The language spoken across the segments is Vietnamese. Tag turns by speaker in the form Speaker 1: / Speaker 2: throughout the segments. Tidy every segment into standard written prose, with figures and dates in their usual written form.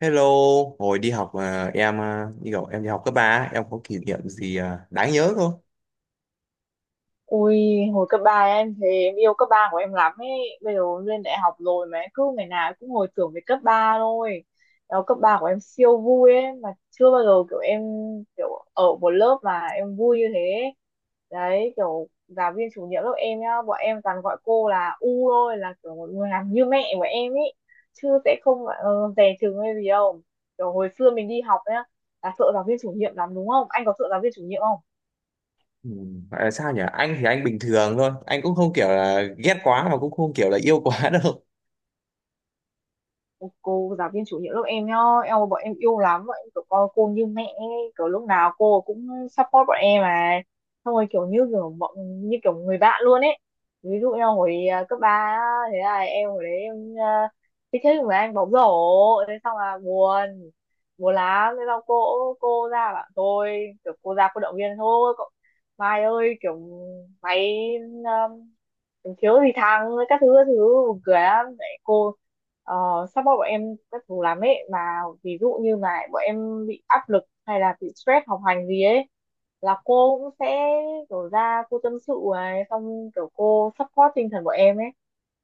Speaker 1: Hello, hồi đi học à, em à, đi học em đi học cấp ba, em có kỷ niệm gì đáng nhớ không?
Speaker 2: Ui, hồi cấp 3 em thì em yêu cấp 3 của em lắm ấy. Bây giờ lên đại học rồi mà em cứ ngày nào em cũng hồi tưởng về cấp 3 thôi. Đó, cấp 3 của em siêu vui ấy. Mà chưa bao giờ kiểu em kiểu ở một lớp mà em vui như thế. Đấy, kiểu giáo viên chủ nhiệm lớp em nhá. Bọn em toàn gọi cô là U thôi, là kiểu một người làm như mẹ của em ấy. Chứ sẽ không dè chừng hay gì đâu. Kiểu hồi xưa mình đi học nhá, là sợ giáo viên chủ nhiệm lắm đúng không? Anh có sợ giáo viên chủ nhiệm?
Speaker 1: Ừ, gọi là sao nhỉ? Anh thì anh bình thường thôi, anh cũng không kiểu là ghét quá mà cũng không kiểu là yêu quá đâu.
Speaker 2: Cô giáo viên chủ nhiệm lớp em nhá, bọn em yêu lắm, bọn em kiểu coi cô như mẹ ấy. Kiểu lúc nào cô cũng support bọn em mà xong rồi kiểu như kiểu như kiểu người bạn luôn ấy. Ví dụ em hồi cấp ba, thế là em hồi đấy em thích thích với anh bóng rổ, thế xong là buồn, buồn lắm. Thế xong cô ra bảo tôi, kiểu cô ra cô động viên thôi cậu, Mai ơi kiểu mày, thiếu gì thằng, các thứ các thứ, buồn cười lắm. Đấy, cô ờ, support bọn em các thứ lắm ấy, mà ví dụ như mà bọn em bị áp lực hay là bị stress học hành gì ấy là cô cũng sẽ kiểu ra cô tâm sự này, xong kiểu cô support tinh thần bọn em ấy.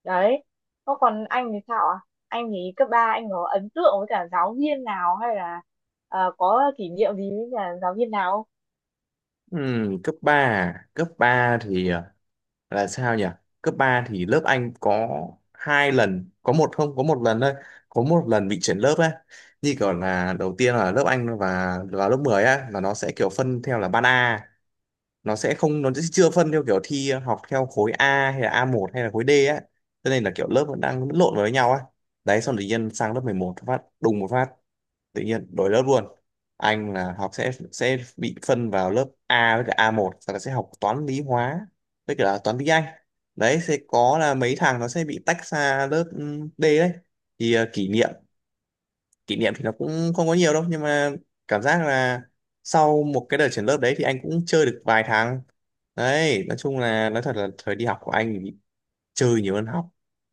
Speaker 2: Đấy, có còn anh thì sao ạ? Anh thì cấp 3 anh có ấn tượng với cả giáo viên nào hay là có kỷ niệm gì với cả giáo viên nào?
Speaker 1: Ừ, cấp 3, à? Cấp 3 thì à, là sao nhỉ? Cấp 3 thì lớp anh có hai lần, có một không, có một lần bị chuyển lớp ấy. Như kiểu là đầu tiên là lớp anh và vào lớp 10 á, là nó sẽ kiểu phân theo là ban A, nó sẽ chưa phân theo kiểu thi học theo khối A hay là a một hay là khối D á, cho nên là kiểu lớp vẫn đang lẫn lộn với nhau á. Đấy, xong tự nhiên sang lớp mười một, phát đùng một phát tự nhiên đổi lớp luôn. Anh là học sẽ bị phân vào lớp A với cả a một, sau đó sẽ học toán lý hóa với cả toán tiếng Anh. Đấy, sẽ có là mấy thằng nó sẽ bị tách ra lớp D. Đấy thì kỷ niệm thì nó cũng không có nhiều đâu, nhưng mà cảm giác là sau một cái đợt chuyển lớp đấy thì anh cũng chơi được vài tháng. Đấy nói chung là, nói thật là thời đi học của anh thì chơi nhiều hơn học.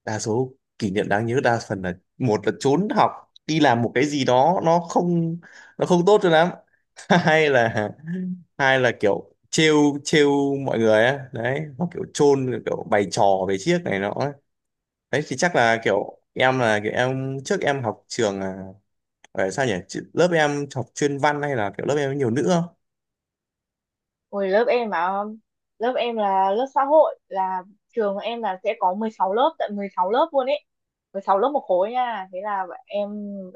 Speaker 1: Đa số kỷ niệm đáng nhớ đa phần là một là trốn học đi làm một cái gì đó nó không tốt cho lắm. Hay là, hay là kiểu trêu trêu mọi người á, đấy, hoặc kiểu chôn kiểu bày trò về chiếc này nọ ấy. Đấy thì chắc là kiểu em trước em học trường sao nhỉ? Lớp em học chuyên văn hay là kiểu lớp em có nhiều nữ không?
Speaker 2: Hồi lớp em mà, lớp em là lớp xã hội, là trường em là sẽ có 16 lớp, tận 16 lớp luôn ấy, 16 lớp một khối nha. Thế là em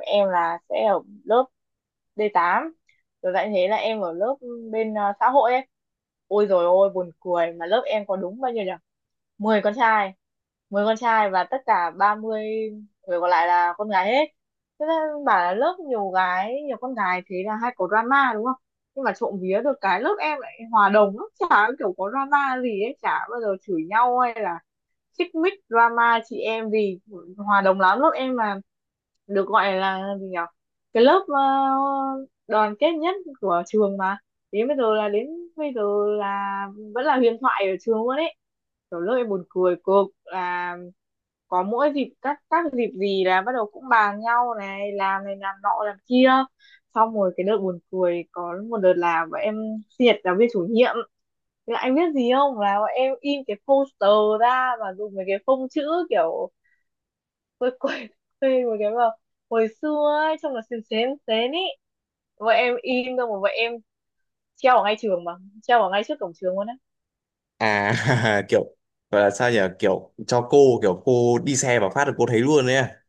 Speaker 2: em là sẽ ở lớp D8 rồi lại, thế là em ở lớp bên xã hội ấy. Ôi rồi, ôi buồn cười mà lớp em có đúng bao nhiêu nhỉ? 10 con trai, 10 con trai và tất cả 30 người còn lại là con gái hết. Thế nên bảo là lớp nhiều gái, nhiều con gái thế là hay có drama đúng không? Nhưng mà trộm vía được cái lớp em lại hòa đồng lắm, chả kiểu có drama gì ấy, chả bao giờ chửi nhau hay là xích mích drama chị em, vì hòa đồng lắm lớp em mà. Được gọi là gì nhỉ, cái lớp đoàn kết nhất của trường mà, đến bây giờ là bây giờ là vẫn là huyền thoại ở trường luôn ấy. Kiểu lớp em buồn cười cực là có mỗi dịp, các dịp gì là bắt đầu cũng bàn nhau này làm nọ làm kia. Xong rồi cái đợt buồn cười, có một đợt là bọn em sinh nhật giáo viên chủ nhiệm, là anh biết gì không? Là bọn em in cái poster ra và dùng mấy cái phông chữ kiểu quê quê quê mấy cái mà hồi xưa ấy, trông là xến xến xến ý. Bọn em in xong rồi bọn em treo ở ngay trường mà, treo ở ngay trước cổng trường luôn á.
Speaker 1: à kiểu gọi là sao nhỉ, kiểu cho cô, kiểu cô đi xe vào phát là cô thấy luôn đấy à?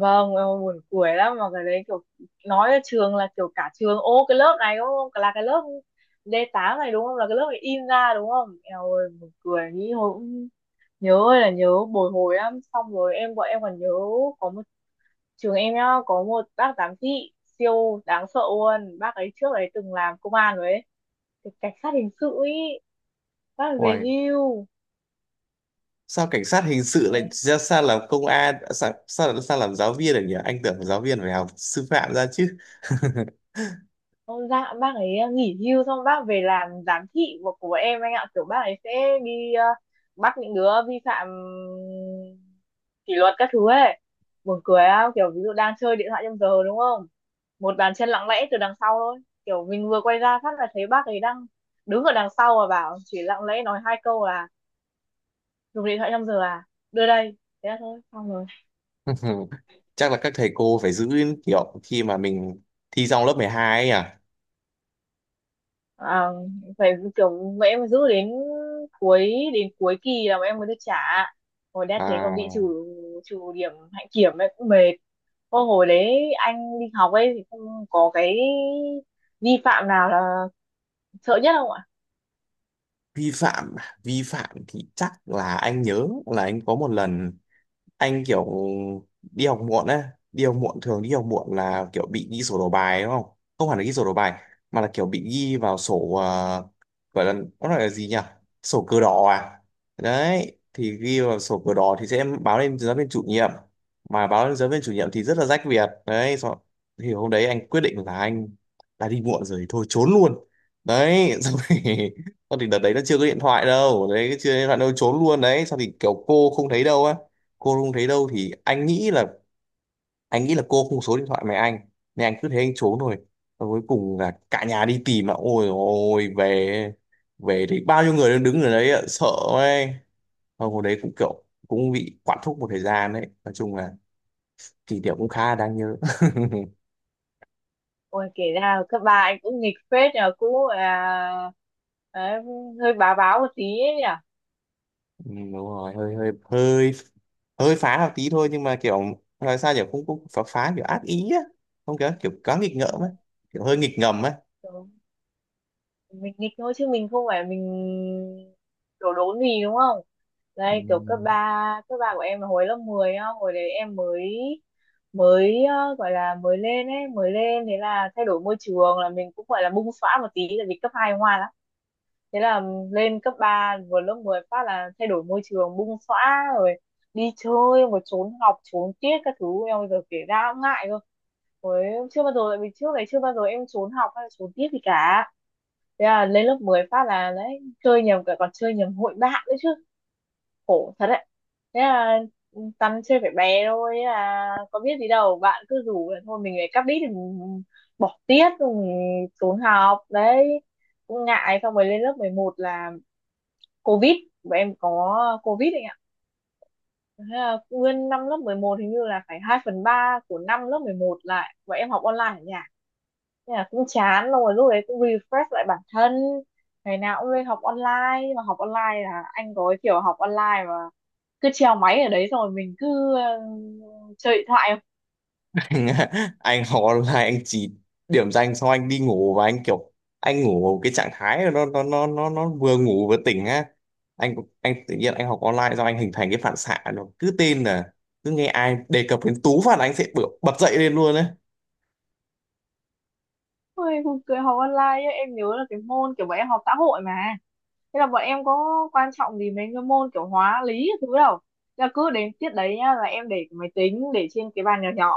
Speaker 2: Vâng, ôi, buồn cười lắm mà cái đấy kiểu, nói là trường là kiểu cả trường, ô cái lớp này đúng không? Là cái lớp D8 này đúng không? Là cái lớp này in ra đúng không? Eo ơi, buồn cười nghĩ hồi cũng nhớ, ơi là nhớ, bồi hồi lắm. Xong rồi bọn em còn nhớ có một, trường em nhá, có một bác giám thị siêu đáng sợ luôn, bác ấy trước ấy từng làm công an rồi ấy, thì cảnh sát hình sự ấy, bác ấy về
Speaker 1: Uầy,
Speaker 2: hưu.
Speaker 1: sao cảnh sát hình sự lại
Speaker 2: Thế
Speaker 1: ra sao làm công an, sao sao, sao làm giáo viên được nhỉ? Anh tưởng giáo viên phải học sư phạm ra chứ.
Speaker 2: ông dạ bác ấy nghỉ hưu xong bác về làm giám thị của, em anh ạ. Kiểu bác ấy sẽ đi bắt những đứa vi phạm kỷ luật các thứ ấy. Buồn cười á, kiểu ví dụ đang chơi điện thoại trong giờ đúng không, một bàn chân lặng lẽ từ đằng sau thôi. Kiểu mình vừa quay ra phát là thấy bác ấy đang đứng ở đằng sau và bảo, chỉ lặng lẽ nói hai câu là, dùng điện thoại trong giờ à, đưa đây, thế là thôi xong rồi.
Speaker 1: Chắc là các thầy cô phải giữ kiểu khi mà mình thi xong lớp 12 ấy à.
Speaker 2: à, Phải kiểu mẹ em phải giữ đến cuối, kỳ là bọn em mới được trả, hồi đã thế còn bị trừ,
Speaker 1: À,
Speaker 2: điểm hạnh kiểm ấy, cũng mệt. Ô, hồi đấy anh đi học ấy thì không có cái vi phạm nào là sợ nhất không ạ?
Speaker 1: vi phạm à? Vi phạm thì chắc là anh nhớ là anh có một lần anh kiểu đi học muộn á. Đi học muộn là kiểu bị ghi sổ đầu bài đúng không? Không hẳn là ghi sổ đầu bài, mà là kiểu bị ghi vào sổ gọi là, nó gọi là gì nhỉ, sổ cờ đỏ à. Đấy thì ghi vào sổ cờ đỏ thì sẽ báo lên giáo viên chủ nhiệm, mà báo lên giáo viên chủ nhiệm thì rất là rách việc. Đấy xong- thì hôm đấy anh quyết định là anh đã đi muộn rồi thì thôi trốn luôn. Đấy xong thì xong thì đợt đấy nó chưa có điện thoại đâu, đấy chưa có điện thoại đâu, trốn luôn đấy. Xong thì kiểu cô không thấy đâu á, cô không thấy đâu thì anh nghĩ là cô không số điện thoại mẹ anh, nên anh cứ thế anh trốn rồi. Và cuối cùng là cả nhà đi tìm, mà ôi ôi về, về thì bao nhiêu người đang đứng ở đấy ạ, sợ ấy. Xong hồi đấy cũng kiểu cũng bị quản thúc một thời gian. Đấy nói chung là kỷ niệm cũng khá là đáng nhớ.
Speaker 2: Ôi kể ra cấp ba anh cũng nghịch phết nhờ, cũng đấy, hơi bá báo một tí ấy
Speaker 1: Ừ, đúng rồi, hơi hơi hơi hơi phá một tí thôi, nhưng mà kiểu nói sao, kiểu cũng cũng phá phá kiểu ác ý á, không kiểu, kiểu quá nghịch ngợm ấy, kiểu hơi nghịch ngầm ấy.
Speaker 2: nhỉ. Mình nghịch thôi chứ mình không phải mình đổ đốn gì đúng không?
Speaker 1: Ừ.
Speaker 2: Đây kiểu cấp 3 của em là hồi lớp 10 á, hồi đấy em mới mới gọi là mới lên ấy, mới lên thế là thay đổi môi trường là mình cũng gọi là bung xõa một tí, tại vì cấp 2 ngoan lắm. Thế là lên cấp 3 vừa lớp 10 phát là thay đổi môi trường bung xõa rồi, đi chơi mà trốn học trốn tiết các thứ, em bây giờ kể ra cũng ngại cơ. Ôi, chưa bao giờ, tại vì trước này chưa bao giờ em trốn học hay là trốn tiết gì cả. Thế là lên lớp 10 phát là đấy chơi nhầm cả, còn chơi nhầm hội bạn nữa chứ, khổ thật đấy. Thế là tăn chơi phải bé thôi, thế là có biết gì đâu, bạn cứ rủ là thôi mình lại cắp đít thì mình bỏ tiết rồi mình trốn học đấy, cũng ngại. Xong rồi lên lớp 11 là covid, bọn em có covid ấy. Thế là nguyên năm lớp 11 hình như là phải 2/3 của năm lớp 11 lại và em học online ở nhà, nên là cũng chán rồi, lúc đấy cũng refresh lại bản thân, ngày nào cũng lên học online. Nhưng mà học online là anh có cái kiểu học online mà cứ treo máy ở đấy rồi mình cứ chơi điện thoại.
Speaker 1: Anh khó là anh chỉ điểm danh xong anh đi ngủ, và anh kiểu anh ngủ cái trạng thái nó vừa ngủ vừa tỉnh á. Anh anh tự nhiên anh học online, do anh hình thành cái phản xạ nó cứ tên là cứ nghe ai đề cập đến Tú phạt là anh sẽ bật dậy lên luôn đấy.
Speaker 2: Ôi, buồn cười học online ấy, em nhớ là cái môn kiểu bọn em học xã hội mà, thế là bọn em có quan trọng gì mấy cái môn kiểu hóa lý các thứ đâu. Là cứ đến tiết đấy nhá là em để cái máy tính để trên cái bàn nhỏ nhỏ,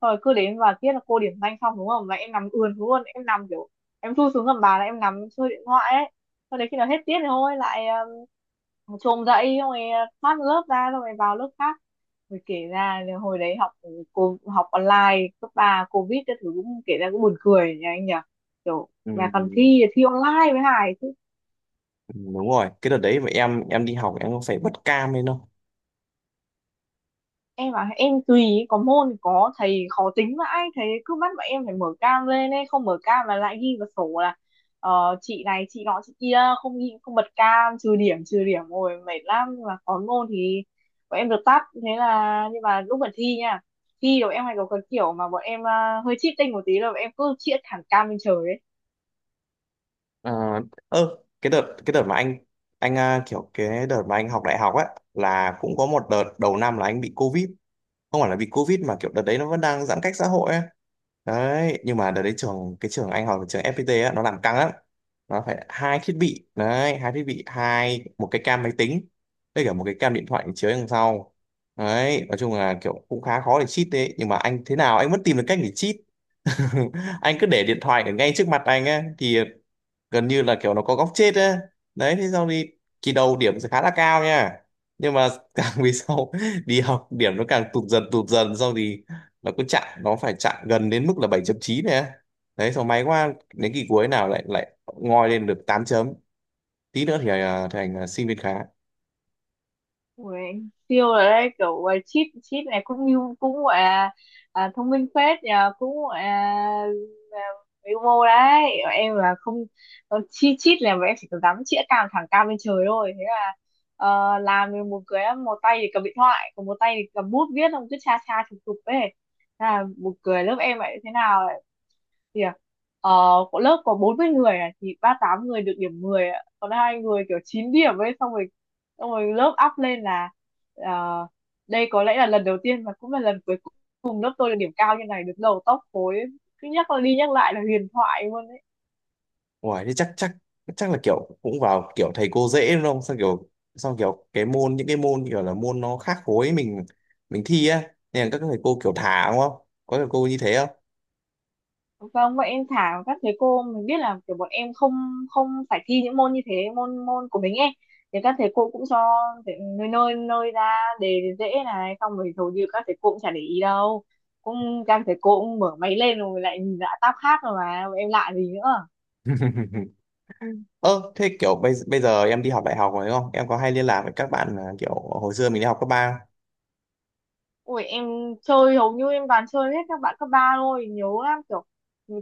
Speaker 2: rồi cứ đến và tiết là cô điểm danh xong đúng không là em nằm ườn xuống luôn, em nằm kiểu em thu xuống gầm bàn là em nằm chơi điện thoại ấy. Sau đấy khi nào hết tiết thì thôi lại chồm dậy xong rồi thoát lớp ra xong rồi vào lớp khác. Rồi kể ra là hồi đấy học cô học online cấp ba covid các thứ cũng kể ra cũng buồn cười nhỉ anh nhỉ, kiểu mà còn
Speaker 1: ừ,
Speaker 2: thi thi online với Hải.
Speaker 1: ừ, đúng rồi, cái đợt đấy mà em đi học em có phải bật cam lên đâu.
Speaker 2: Em bảo em tùy, có môn thì có thầy khó tính vãi, thầy cứ bắt bọn em phải mở cam lên ấy, không mở cam là lại ghi vào sổ là chị này chị nọ chị kia, không ghi không bật cam trừ điểm, trừ điểm rồi mệt lắm. Nhưng mà có môn thì bọn em được tắt, thế là nhưng mà lúc mà thi nha, thi rồi em hay có cái kiểu mà bọn em hơi cheating một tí là bọn em cứ chĩa thẳng cam lên trời ấy.
Speaker 1: ờ ơ, cái đợt mà anh kiểu cái đợt mà anh học đại học á, là cũng có một đợt đầu năm là anh bị covid. Không phải là vì covid mà kiểu đợt đấy nó vẫn đang giãn cách xã hội ấy. Đấy nhưng mà đợt đấy trường, cái trường anh học là trường FPT á, nó làm căng lắm. Nó phải hai thiết bị đấy, hai thiết bị hai một cái cam máy tính với cả một cái cam điện thoại chiếu đằng sau. Đấy nói chung là kiểu cũng khá khó để cheat, đấy nhưng mà anh thế nào anh vẫn tìm được cách để cheat. Anh cứ để điện thoại ở ngay trước mặt anh á, thì gần như là kiểu nó có góc chết ấy. Đấy thế xong đi, kỳ đầu điểm sẽ khá là cao nha, nhưng mà càng về sau đi học điểm nó càng tụt dần xong thì nó phải chặn gần đến mức là bảy chấm chín này á. Đấy xong may quá đến kỳ cuối nào lại lại ngoi lên được 8 chấm, tí nữa thì thành sinh viên khá.
Speaker 2: Ui, siêu rồi đấy, kiểu chip chip này cũng như cũng gọi là thông minh phết nhờ, cũng gọi là à, mưu mô đấy. Em là không, chip chip là em chỉ có dám chĩa cam thẳng cao lên trời thôi, thế là làm được một cái, một tay thì cầm điện thoại còn một tay thì cầm bút viết, không cứ cha cha chụp chụp ấy. Thế là một cười lớp em lại thế nào thì ờ, của lớp có 40 người thì 38 người được điểm 10, ạ, còn hai người kiểu 9 điểm ấy. Xong rồi lớp up lên là ờ, đây có lẽ là lần đầu tiên và cũng là lần cuối cùng lớp tôi được điểm cao như này, được đầu top khối, cứ nhắc đi nhắc lại là huyền thoại luôn.
Speaker 1: Ủa, thế chắc chắc chắc là kiểu cũng vào kiểu thầy cô dễ đúng không? Sao kiểu, cái môn, những cái môn kiểu là môn nó khác khối mình thi á, nên là các thầy cô kiểu thả đúng không, có thầy cô như thế.
Speaker 2: Vâng, vậy em thả, các thầy cô mình biết là kiểu bọn em không, không phải thi những môn như thế, môn môn của mình ấy. Thì các thầy cô cũng cho thể- nơi nơi nơi ra đề dễ này, xong rồi hầu như các thầy cô cũng chả để ý đâu. Cũng các thầy cô cũng mở máy lên rồi lại nhìn lại tab khác rồi mà, bọn em lạ gì nữa.
Speaker 1: Ơ thế kiểu bây bây giờ em đi học đại học rồi đúng không? Em có hay liên lạc với các bạn kiểu hồi xưa mình đi học cấp ba không?
Speaker 2: Ui em chơi hầu như em toàn chơi hết các bạn cấp ba thôi, nhớ lắm, kiểu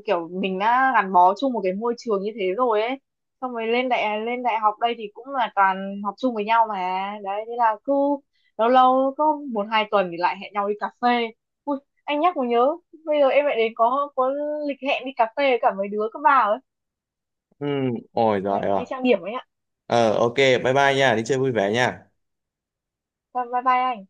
Speaker 2: kiểu mình đã gắn bó chung một cái môi trường như thế rồi ấy. Xong rồi lên đại học đây thì cũng là toàn học chung với nhau mà. Đấy thế là cứ lâu lâu có một hai tuần thì lại hẹn nhau đi cà phê. Ui anh nhắc mới nhớ, bây giờ em lại đến có lịch hẹn đi cà phê với cả mấy đứa cấp ba ấy.
Speaker 1: Ừ, ôi giời
Speaker 2: Đấy, phải
Speaker 1: ơi.
Speaker 2: đi trang điểm ấy ạ.
Speaker 1: Ờ ok, bye bye nha, đi chơi vui vẻ nha.
Speaker 2: Bye bye bye anh.